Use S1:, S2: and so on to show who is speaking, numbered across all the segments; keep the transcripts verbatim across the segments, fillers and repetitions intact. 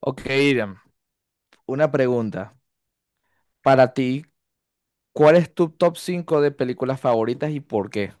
S1: Ok, Iriam, una pregunta. Para ti, ¿cuál es tu top cinco de películas favoritas y por qué?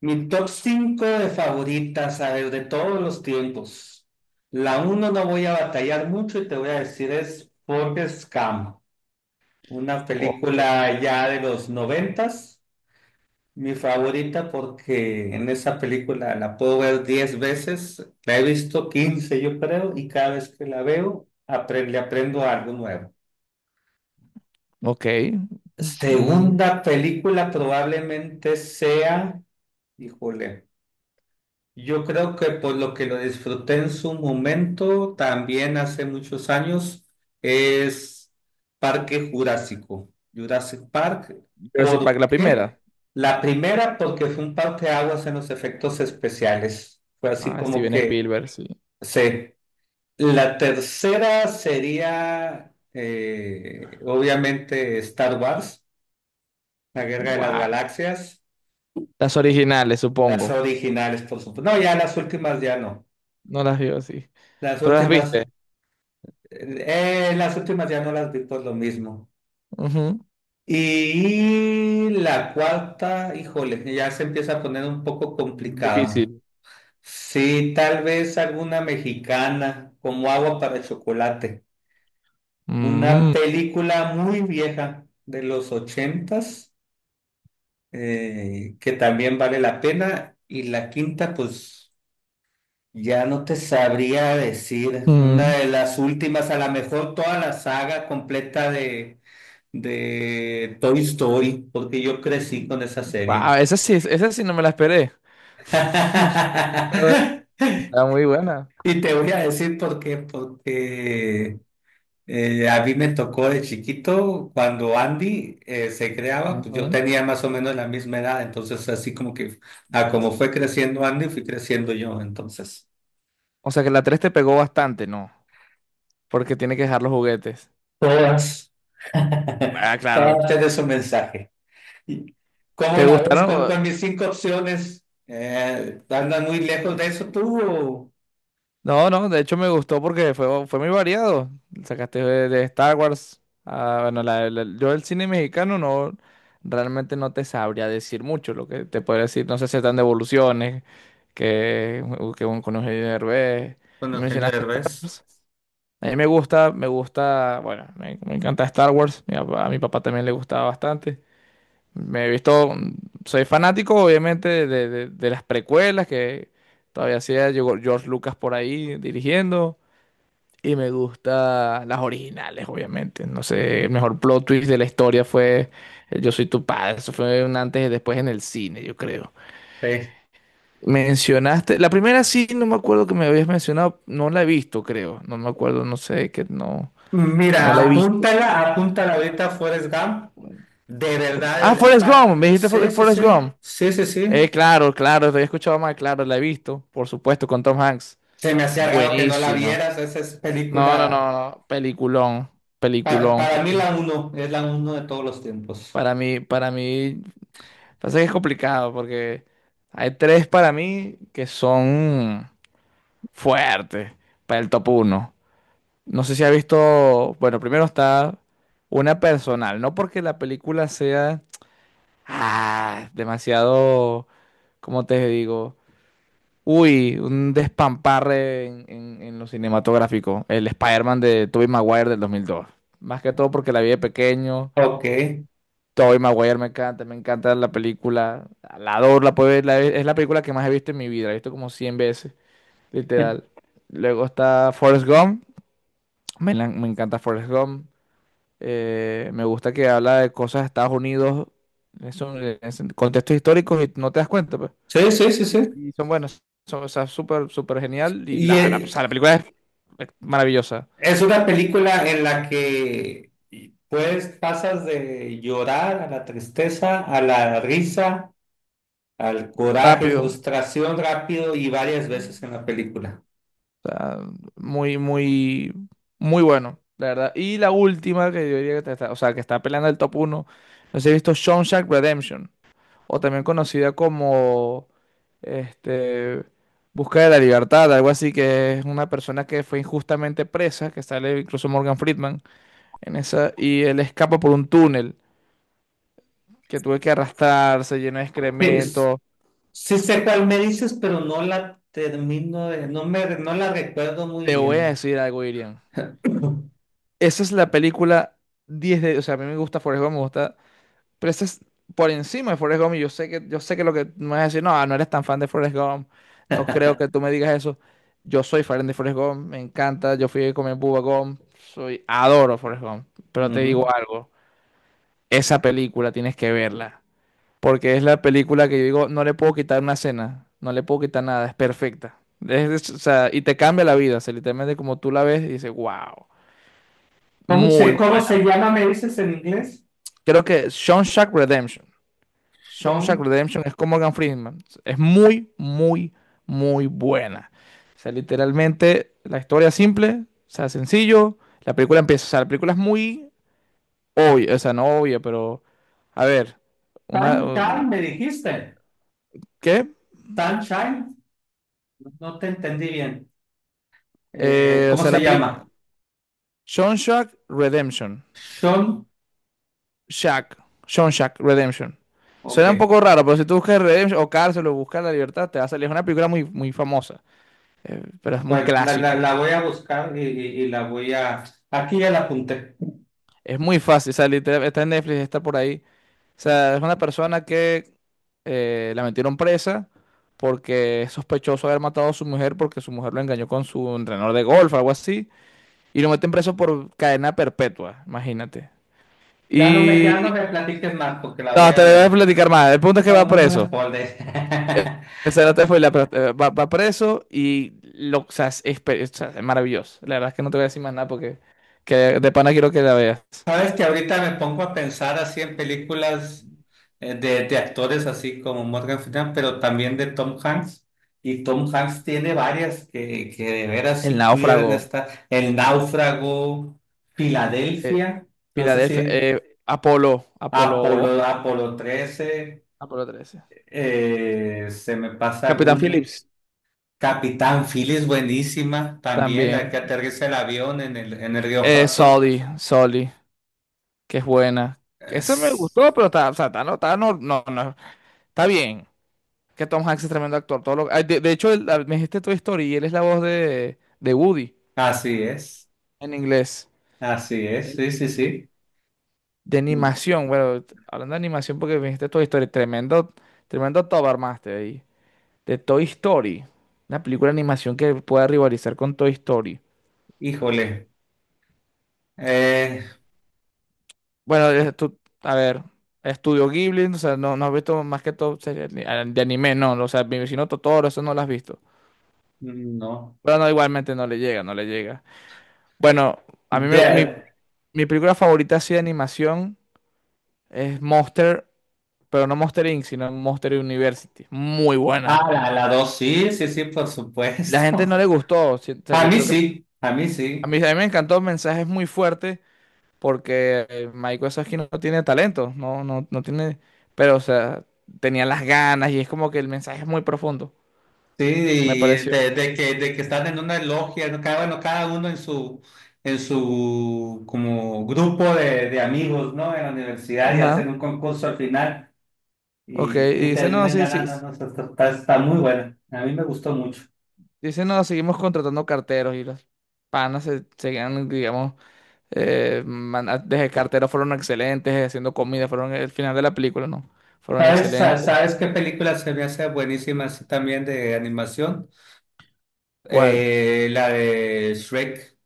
S2: Mi top cinco de favoritas, a ver, de todos los tiempos. La uno no voy a batallar mucho y te voy a decir es Forrest Gump, una
S1: Ok.
S2: película ya de los noventas. Mi favorita porque en esa película la puedo ver diez veces, la he visto quince yo creo y cada vez que la veo apre- le aprendo algo nuevo.
S1: Ok. Mm,
S2: Segunda película probablemente sea, híjole. Yo creo que por lo que lo disfruté en su momento, también hace muchos años, es Parque Jurásico, Jurassic Park.
S1: pero si para
S2: ¿Por
S1: la
S2: qué?
S1: primera.
S2: La primera, porque fue un aguas en los efectos especiales. Fue así
S1: Ah,
S2: como
S1: Steven
S2: que
S1: Spielberg, sí.
S2: se. La tercera sería, eh, obviamente, Star Wars, La Guerra de las
S1: Wow.
S2: Galaxias,
S1: Las originales,
S2: las
S1: supongo.
S2: originales, por supuesto. No, ya las últimas ya no.
S1: No las vio, sí.
S2: Las
S1: Pero las
S2: últimas.
S1: viste.
S2: Eh, las últimas ya no las vi por lo mismo.
S1: Ujú.
S2: Y la cuarta, híjole, ya se empieza a poner un poco complicado.
S1: Difícil.
S2: Sí, tal vez alguna mexicana, como Agua para Chocolate. Una
S1: Mm,
S2: película muy vieja de los ochentas, eh, que también vale la pena. Y la quinta, pues ya no te sabría decir. Una
S1: mm.
S2: de las últimas, a lo mejor toda la saga completa de... de Toy Story, porque yo crecí con esa
S1: Wow,
S2: serie.
S1: esa sí, esa sí no me la esperé. Estaba estaba muy buena.
S2: Y te voy a decir por qué, porque eh, a mí me tocó de chiquito, cuando Andy eh, se creaba, pues yo
S1: Ujú.
S2: tenía más o menos la misma edad, entonces así como que, a como fue creciendo Andy, fui creciendo yo, entonces.
S1: O sea que la tres te pegó bastante, ¿no? Porque tiene que dejar los juguetes.
S2: Todas.
S1: Ah,
S2: Todas
S1: claro.
S2: tienen su mensaje. Y-
S1: ¿Te,
S2: ¿Cómo
S1: sí,
S2: la ves con,
S1: gustaron?
S2: con mis cinco opciones? Eh, ¿andas muy lejos de eso tú? o-
S1: No, no, de hecho me gustó porque fue, fue, muy variado. Sacaste de, de Star Wars. Ah, bueno, la- la- yo el cine mexicano no, realmente no te sabría decir mucho lo que te puedo decir. No sé si están de evoluciones, que, que un, con Eugenio Derbez.
S2: Con Eugenio
S1: Mencionaste Star
S2: Derbez.
S1: Wars. A mí me gusta, me gusta, bueno, me, me encanta Star Wars. Mi papá- a mi papá también le gustaba bastante. Me he visto, soy fanático obviamente de, de- de las precuelas que todavía hacía llegó George Lucas por ahí dirigiendo, y me gusta las originales obviamente. No sé, el mejor plot twist de la historia fue, eh, "Yo soy tu padre". Eso fue un antes y después en el cine, yo creo.
S2: Sí.
S1: Mencionaste la primera, sí, no me acuerdo que me habías mencionado, no la he visto creo, no me acuerdo, no sé, que no,
S2: Mira,
S1: no la he visto.
S2: apúntala, apúntala ahorita Forrest Gump. De verdad,
S1: Ah,
S2: el-
S1: Forrest
S2: pa-
S1: Gump, me dijiste
S2: sí,
S1: Forrest
S2: sí,
S1: Forrest
S2: sí,
S1: Gump.
S2: sí, sí,
S1: Eh,
S2: sí.
S1: claro, claro, te he escuchado más, claro, la he visto, por supuesto, con Tom Hanks.
S2: Se me hacía raro que no la
S1: Buenísima.
S2: vieras. Esa es
S1: No, no, no,
S2: película,
S1: no, peliculón,
S2: pa-
S1: peliculón,
S2: para mí
S1: porque
S2: la uno, es la uno de todos los tiempos.
S1: para mí, para mí, pasa que es complicado porque hay tres para mí que son fuertes para el top uno. No sé si has visto, bueno, primero está una personal, no porque la película sea, ah, demasiado, ¿cómo te digo? Uy, un despamparre en, en- en lo cinematográfico. El Spider-Man de Tobey Maguire del dos mil dos. Más que todo porque la vi de pequeño.
S2: Ok.
S1: Tobey Maguire me encanta, me encanta la película. La adoro, la puedo ver. la- es la película que más he visto en mi vida. La he visto como cien veces, literal. Luego está Forrest Gump. Me, la- me encanta Forrest Gump. Eh, me gusta que habla de cosas de Estados Unidos. Eso, eh, es en contextos históricos y no te das cuenta, pues.
S2: Sí, sí, sí, sí.
S1: Y son buenas. Son, o sea, súper, súper genial. Y
S2: Y,
S1: la, la, o
S2: eh,
S1: sea, la película es es maravillosa.
S2: Es una película en la que pues pasas de llorar a la tristeza, a la risa, al coraje,
S1: Rápido. O
S2: frustración rápido y varias veces en la película.
S1: sea, muy, muy, muy bueno, la verdad. Y la última que yo diría que te está, o sea, que está peleando el top uno, no sé si he visto Shawshank Redemption. O también conocida como este, Busca de la Libertad, algo así, que es una persona que fue injustamente presa, que sale incluso Morgan Friedman en esa, y él escapa por un túnel que tuve que arrastrarse lleno de
S2: Es-
S1: excrementos.
S2: sí sé cuál me dices, pero no la termino de, no me, no la recuerdo muy
S1: Te voy a
S2: bien.
S1: decir algo, Irian. Esa es la película diez de... O sea, a mí me gusta Forrest Gump, me gusta... Pero esa es por encima de Forrest Gump, y yo sé que, yo sé que lo que me vas a decir, no, no eres tan fan de Forrest Gump, no creo que tú me digas eso. Yo soy fan de Forrest Gump, me encanta, yo fui a comer Bubba Gump, soy, adoro Forrest Gump. Pero te digo
S2: Ujú.
S1: algo, esa película tienes que verla, porque es la película que yo digo, no le puedo quitar una escena, no le puedo quitar nada, es perfecta. Es- es- o sea, y te cambia la vida, o sea, literalmente como tú la ves y dices, wow.
S2: ¿Cómo
S1: Muy
S2: se, cómo
S1: buena.
S2: se llama, me dices en inglés?
S1: Creo que Shawshank Redemption. Shawshank
S2: Tom
S1: Redemption es con Morgan Freeman. Es muy, muy, muy buena. O sea, literalmente la historia es simple, o sea, sencillo. La película empieza, o sea, la película es muy obvia, o sea, no obvia, pero a ver, una un-
S2: Sunshine, me dijiste.
S1: ¿qué?
S2: Sunshine, no te entendí bien. Eh,
S1: Eh, o
S2: ¿cómo
S1: sea,
S2: se
S1: la película
S2: llama?
S1: Shawshank Redemption.
S2: Sol,
S1: Shack, Shawshank Redemption.
S2: ok.
S1: Suena un poco raro, pero si tú buscas Redemption o cárcel o buscas la libertad, te va a salir. Es una película muy, muy famosa. Eh, pero es un
S2: Pues la, la,
S1: clásico.
S2: la voy a buscar y, y, y la voy a. Aquí ya la apunté.
S1: Es muy fácil, o sea, literal, está en Netflix, está por ahí. O sea, es una persona que, eh, la metieron presa porque es sospechoso de haber matado a su mujer porque su mujer lo engañó con su entrenador de golf, algo así. Y lo meten preso por cadena perpetua, imagínate.
S2: Ya no me, ya no
S1: Y...
S2: me platiques más porque la voy
S1: No, te
S2: a
S1: voy a
S2: ver.
S1: platicar más. El punto es que
S2: No,
S1: va
S2: no me
S1: preso.
S2: respondes.
S1: Esa no te fue la- pero, eh, va, va preso y lo, o sea, es, es- o sea, es maravilloso. La verdad es que no te voy a decir más nada porque que de pana quiero que la veas.
S2: Sabes que ahorita me pongo a pensar así en películas eh, de, de actores así como Morgan Freeman, pero también de Tom Hanks. Y Tom Hanks tiene varias que, que de veras sí
S1: El
S2: pudieran
S1: náufrago.
S2: estar. El Náufrago,
S1: eh,
S2: Filadelfia, no sé
S1: Filadelfia.
S2: si
S1: eh, Apolo. Apolo.
S2: Apolo, Apolo trece.
S1: Apolo trece.
S2: Eh, se me pasa
S1: Capitán
S2: alguna.
S1: Phillips.
S2: Capitán Phillips, es buenísima. También la
S1: También.
S2: que aterriza el avión en el, en el río
S1: Eh,
S2: Hudson.
S1: Sully, Soli. Que es buena. Esa me
S2: Es-
S1: gustó, pero está, o sea, está, no, está, no, no, no, está bien. Que Tom Hanks es tremendo actor. Todo lo- ah, de, de hecho, él- ah, me dijiste Toy Story y él es la voz de, de Woody
S2: Así es.
S1: en inglés.
S2: Así es. Sí, sí, sí.
S1: De
S2: Mm.
S1: animación. Bueno, t- hablando de animación, porque me dijiste Toy Story. Tremendo, tremendo Tobarmaster ahí. De Toy Story. Una película de animación que pueda rivalizar con Toy Story.
S2: Híjole. Eh,
S1: Bueno, eh, tú- a ver, Estudio Ghibli, o sea, no, no has visto más que todo series de de anime, no. O sea, mi vecino Totoro, eso no lo has visto.
S2: no.
S1: Pero no, igualmente no le llega, no le llega. Bueno, a mí
S2: De,
S1: me- mi, mi película favorita así de animación es Monster, pero no Monster inc, sino Monster University. Muy buena.
S2: ah, la, la dos. Sí, sí, sí, por
S1: La gente no
S2: supuesto.
S1: le gustó, sí, o sea,
S2: A
S1: cre-
S2: mí
S1: creo que
S2: sí. A mí
S1: a
S2: sí.
S1: mí, a mí me encantó. El mensaje es muy fuerte porque, eh, Mike no tiene talento, no, no, no tiene, pero o sea, tenía las ganas y es como que el mensaje es muy profundo,
S2: Sí,
S1: me
S2: y
S1: pareció.
S2: de, de que, de que están en una logia, ¿no? Cada, bueno, cada uno en su, en su como grupo de, de amigos, ¿no? En la universidad y hacen
S1: Ajá,
S2: un concurso al final
S1: ok,
S2: y,
S1: y
S2: y
S1: dice, no,
S2: terminan
S1: sí, sí,
S2: ganando,
S1: s-
S2: ¿no? O sea, Está, está- está muy buena. A mí me gustó mucho.
S1: dice, no, seguimos contratando carteros y los panas se seguían, digamos, eh, man- a- desde carteros fueron excelentes, haciendo comida, fueron el final de la película, no, fueron
S2: ¿Sabes, sa-
S1: excelentes.
S2: sabes qué película se me hace buenísima así también de animación?
S1: ¿Cuál?
S2: Eh, la de Shrek.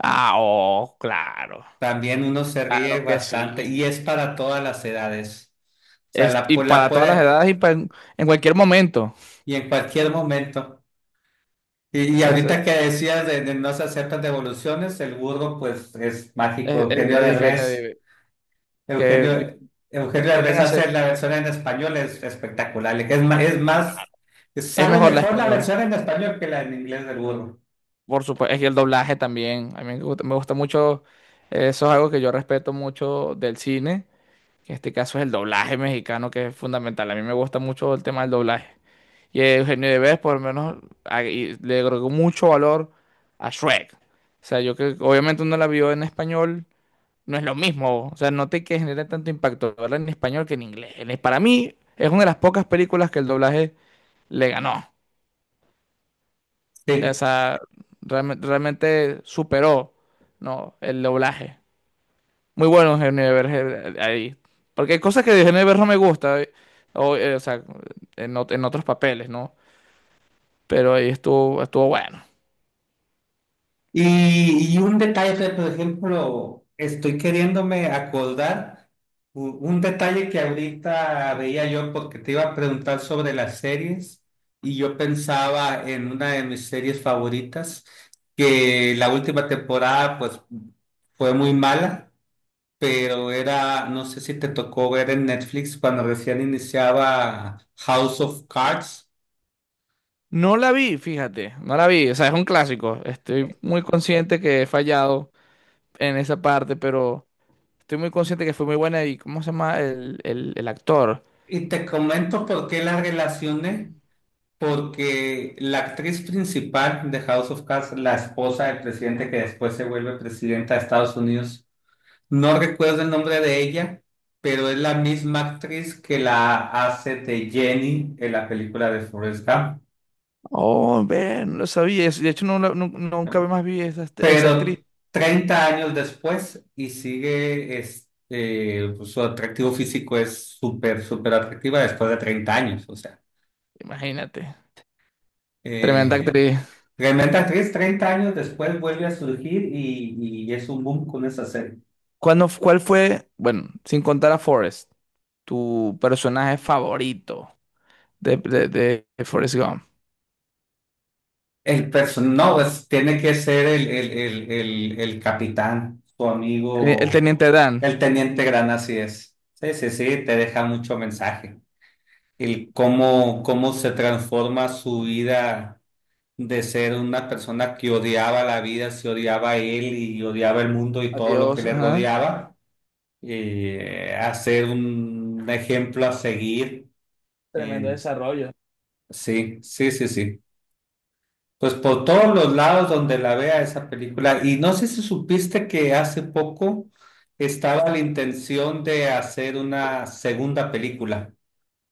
S1: Ah, oh, claro,
S2: También uno se ríe
S1: claro que
S2: bastante
S1: sí.
S2: y es para todas las edades. O sea,
S1: Es-
S2: la,
S1: y
S2: pu- la
S1: para todas las
S2: puede
S1: edades y pa- en, en cualquier momento.
S2: y en cualquier momento. Y, y ahorita que decías de, de no se aceptan devoluciones, el burro pues es mágico.
S1: Es, es-
S2: Eugenio
S1: es que,
S2: Derbez,
S1: nadie- que vi-
S2: Eugenio, Eugenio
S1: quieren
S2: Derbez hace
S1: hacer,
S2: la versión en español, es espectacular. Es, ma- es más,
S1: es
S2: sale
S1: mejor la
S2: mejor la
S1: español,
S2: versión en español que la en inglés del burro.
S1: por supuesto. Es que el doblaje también, a mí me gusta, me gusta mucho, eh, eso es algo que yo respeto mucho del cine, que en este caso es el doblaje mexicano que es fundamental, a mí me gusta mucho el tema del doblaje, y Eugenio Derbez por lo menos a- y le agregó mucho valor a Shrek, o sea, yo que obviamente uno la vio en español, no es lo mismo, o sea, no te que genere tanto impacto verla en español que en inglés. En- para mí es una de las pocas películas que el doblaje le ganó. O
S2: Sí.
S1: sea, realme- realmente superó, ¿no?, el doblaje. Muy bueno Eugenio Derbez, eh, eh, ahí. Porque hay cosas que de Eugenio Derbez no me gusta, eh, o, eh, o sea, en, ot- en otros papeles, ¿no? Pero ahí estuvo, estuvo, bueno.
S2: Y, y un detalle, por ejemplo, estoy queriéndome acordar u- un detalle que ahorita veía yo porque te iba a preguntar sobre las series y yo pensaba en una de mis series favoritas, que la última temporada pues fue muy mala, pero era, no sé si te tocó ver en Netflix cuando recién iniciaba House of Cards.
S1: No la vi, fíjate, no la vi. O sea, es un clásico. Estoy muy consciente que he fallado en esa parte, pero estoy muy consciente que fue muy buena. ¿Y cómo se llama el, el, el actor?
S2: Y te comento por qué la relacioné. Porque la actriz principal de House of Cards, la esposa del presidente que después se vuelve presidenta de Estados Unidos, no recuerdo el nombre de ella, pero es la misma actriz que la hace de Jenny en la película de Forrest Gump.
S1: Oh, ven, no lo sabía. De hecho, no, la- nu- nunca más vi esa, esa
S2: Pero
S1: actriz.
S2: treinta años después y sigue, es, eh, pues, su atractivo físico es súper, súper atractiva después de treinta años, o sea.
S1: Imagínate. Tremenda
S2: eh,
S1: actriz.
S2: Tremenda actriz, treinta años después vuelve a surgir y, y es un boom con esa serie.
S1: ¿Cuándo, cuál fue, bueno, sin contar a Forrest, tu personaje favorito de, de, de Forrest Gump?
S2: El person no, es Tiene que ser el, el, el, el, el capitán, tu
S1: Teni- El
S2: amigo,
S1: teniente Dan.
S2: el teniente Gran, así es. Sí, sí, sí, te deja mucho mensaje. El cómo, cómo se transforma su vida de ser una persona que odiaba la vida, se odiaba a él y odiaba el mundo y todo lo que
S1: Adiós,
S2: le
S1: ajá.
S2: rodeaba, eh, a ser un ejemplo a seguir.
S1: Tremendo
S2: En
S1: desarrollo.
S2: Sí, sí, sí, sí. Pues por todos los lados donde la vea esa película. Y no sé si supiste que hace poco estaba la intención de hacer una segunda película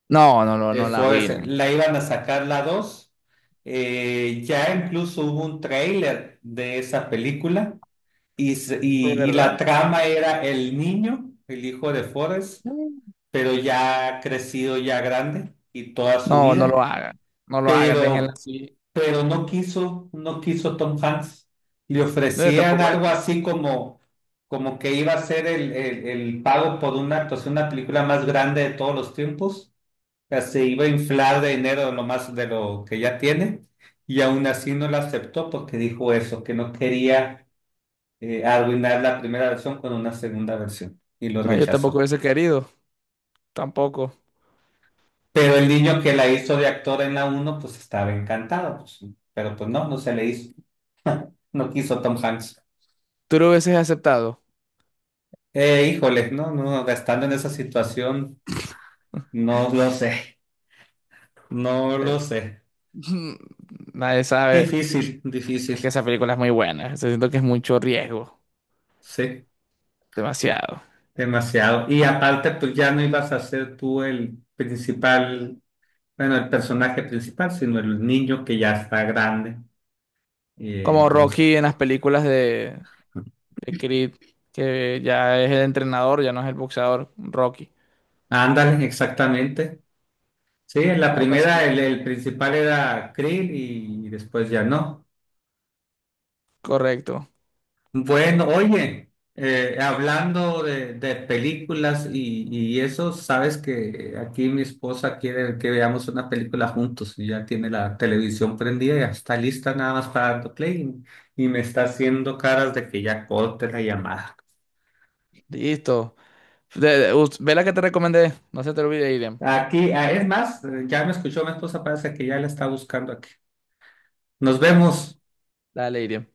S1: No, no, no,
S2: de
S1: no la
S2: Forrest.
S1: arruinen.
S2: La iban a sacar la dos. Eh, ya incluso hubo un tráiler de esa película y, se-
S1: ¿De
S2: y, y la
S1: verdad?
S2: trama era el niño, el hijo de Forrest, pero ya crecido, ya grande y toda su
S1: No, no
S2: vida.
S1: lo hagan. No lo hagan, déjenla
S2: pero,
S1: así.
S2: pero no quiso, no quiso Tom Hanks. Le
S1: No, yo
S2: ofrecían
S1: tampoco,
S2: algo así como, como que iba a ser el, el, el pago por una actuación, una película más grande de todos los tiempos. O sea, se iba a inflar de dinero de lo más de lo que ya tiene. Y aún así no la aceptó porque dijo eso, que no quería eh, arruinar la primera versión con una segunda versión. Y lo
S1: no, yo tampoco
S2: rechazó.
S1: hubiese querido. Tampoco.
S2: Pero el niño que la hizo de actor en la uno pues estaba encantado, pues, pero pues no, no se le hizo. No quiso Tom Hanks.
S1: ¿Tú lo hubieses aceptado?
S2: Eh, híjole, no, no, estando en esa situación, no lo sé, no
S1: Eh,
S2: lo sé.
S1: nadie sabe.
S2: Difícil, difícil,
S1: Es que esa película es muy buena. Siento que es mucho riesgo.
S2: sí,
S1: Demasiado.
S2: demasiado. Y aparte, pues ya no ibas a ser tú el principal, bueno, el personaje principal, sino el niño que ya está grande. Y
S1: Como
S2: entonces,
S1: Rocky en las películas de, de Creed, que ya es el entrenador, ya no es el boxeador, Rocky.
S2: ándale, exactamente. Sí, en la
S1: Algo
S2: primera
S1: así.
S2: el, el principal era Krill y después ya no.
S1: Correcto.
S2: Bueno, oye, eh, hablando de, de películas y, y eso, sabes que aquí mi esposa quiere que veamos una película juntos y ya tiene la televisión prendida, ya está lista nada más para darle play y, y me está haciendo caras de que ya corte la llamada.
S1: Listo. De- de- us- ve la que te recomendé. No se te olvide, Iriam.
S2: Aquí, ah, es más, eh, ya me escuchó mi esposa, parece que ya la está buscando aquí. Nos vemos.
S1: Dale, Iriam.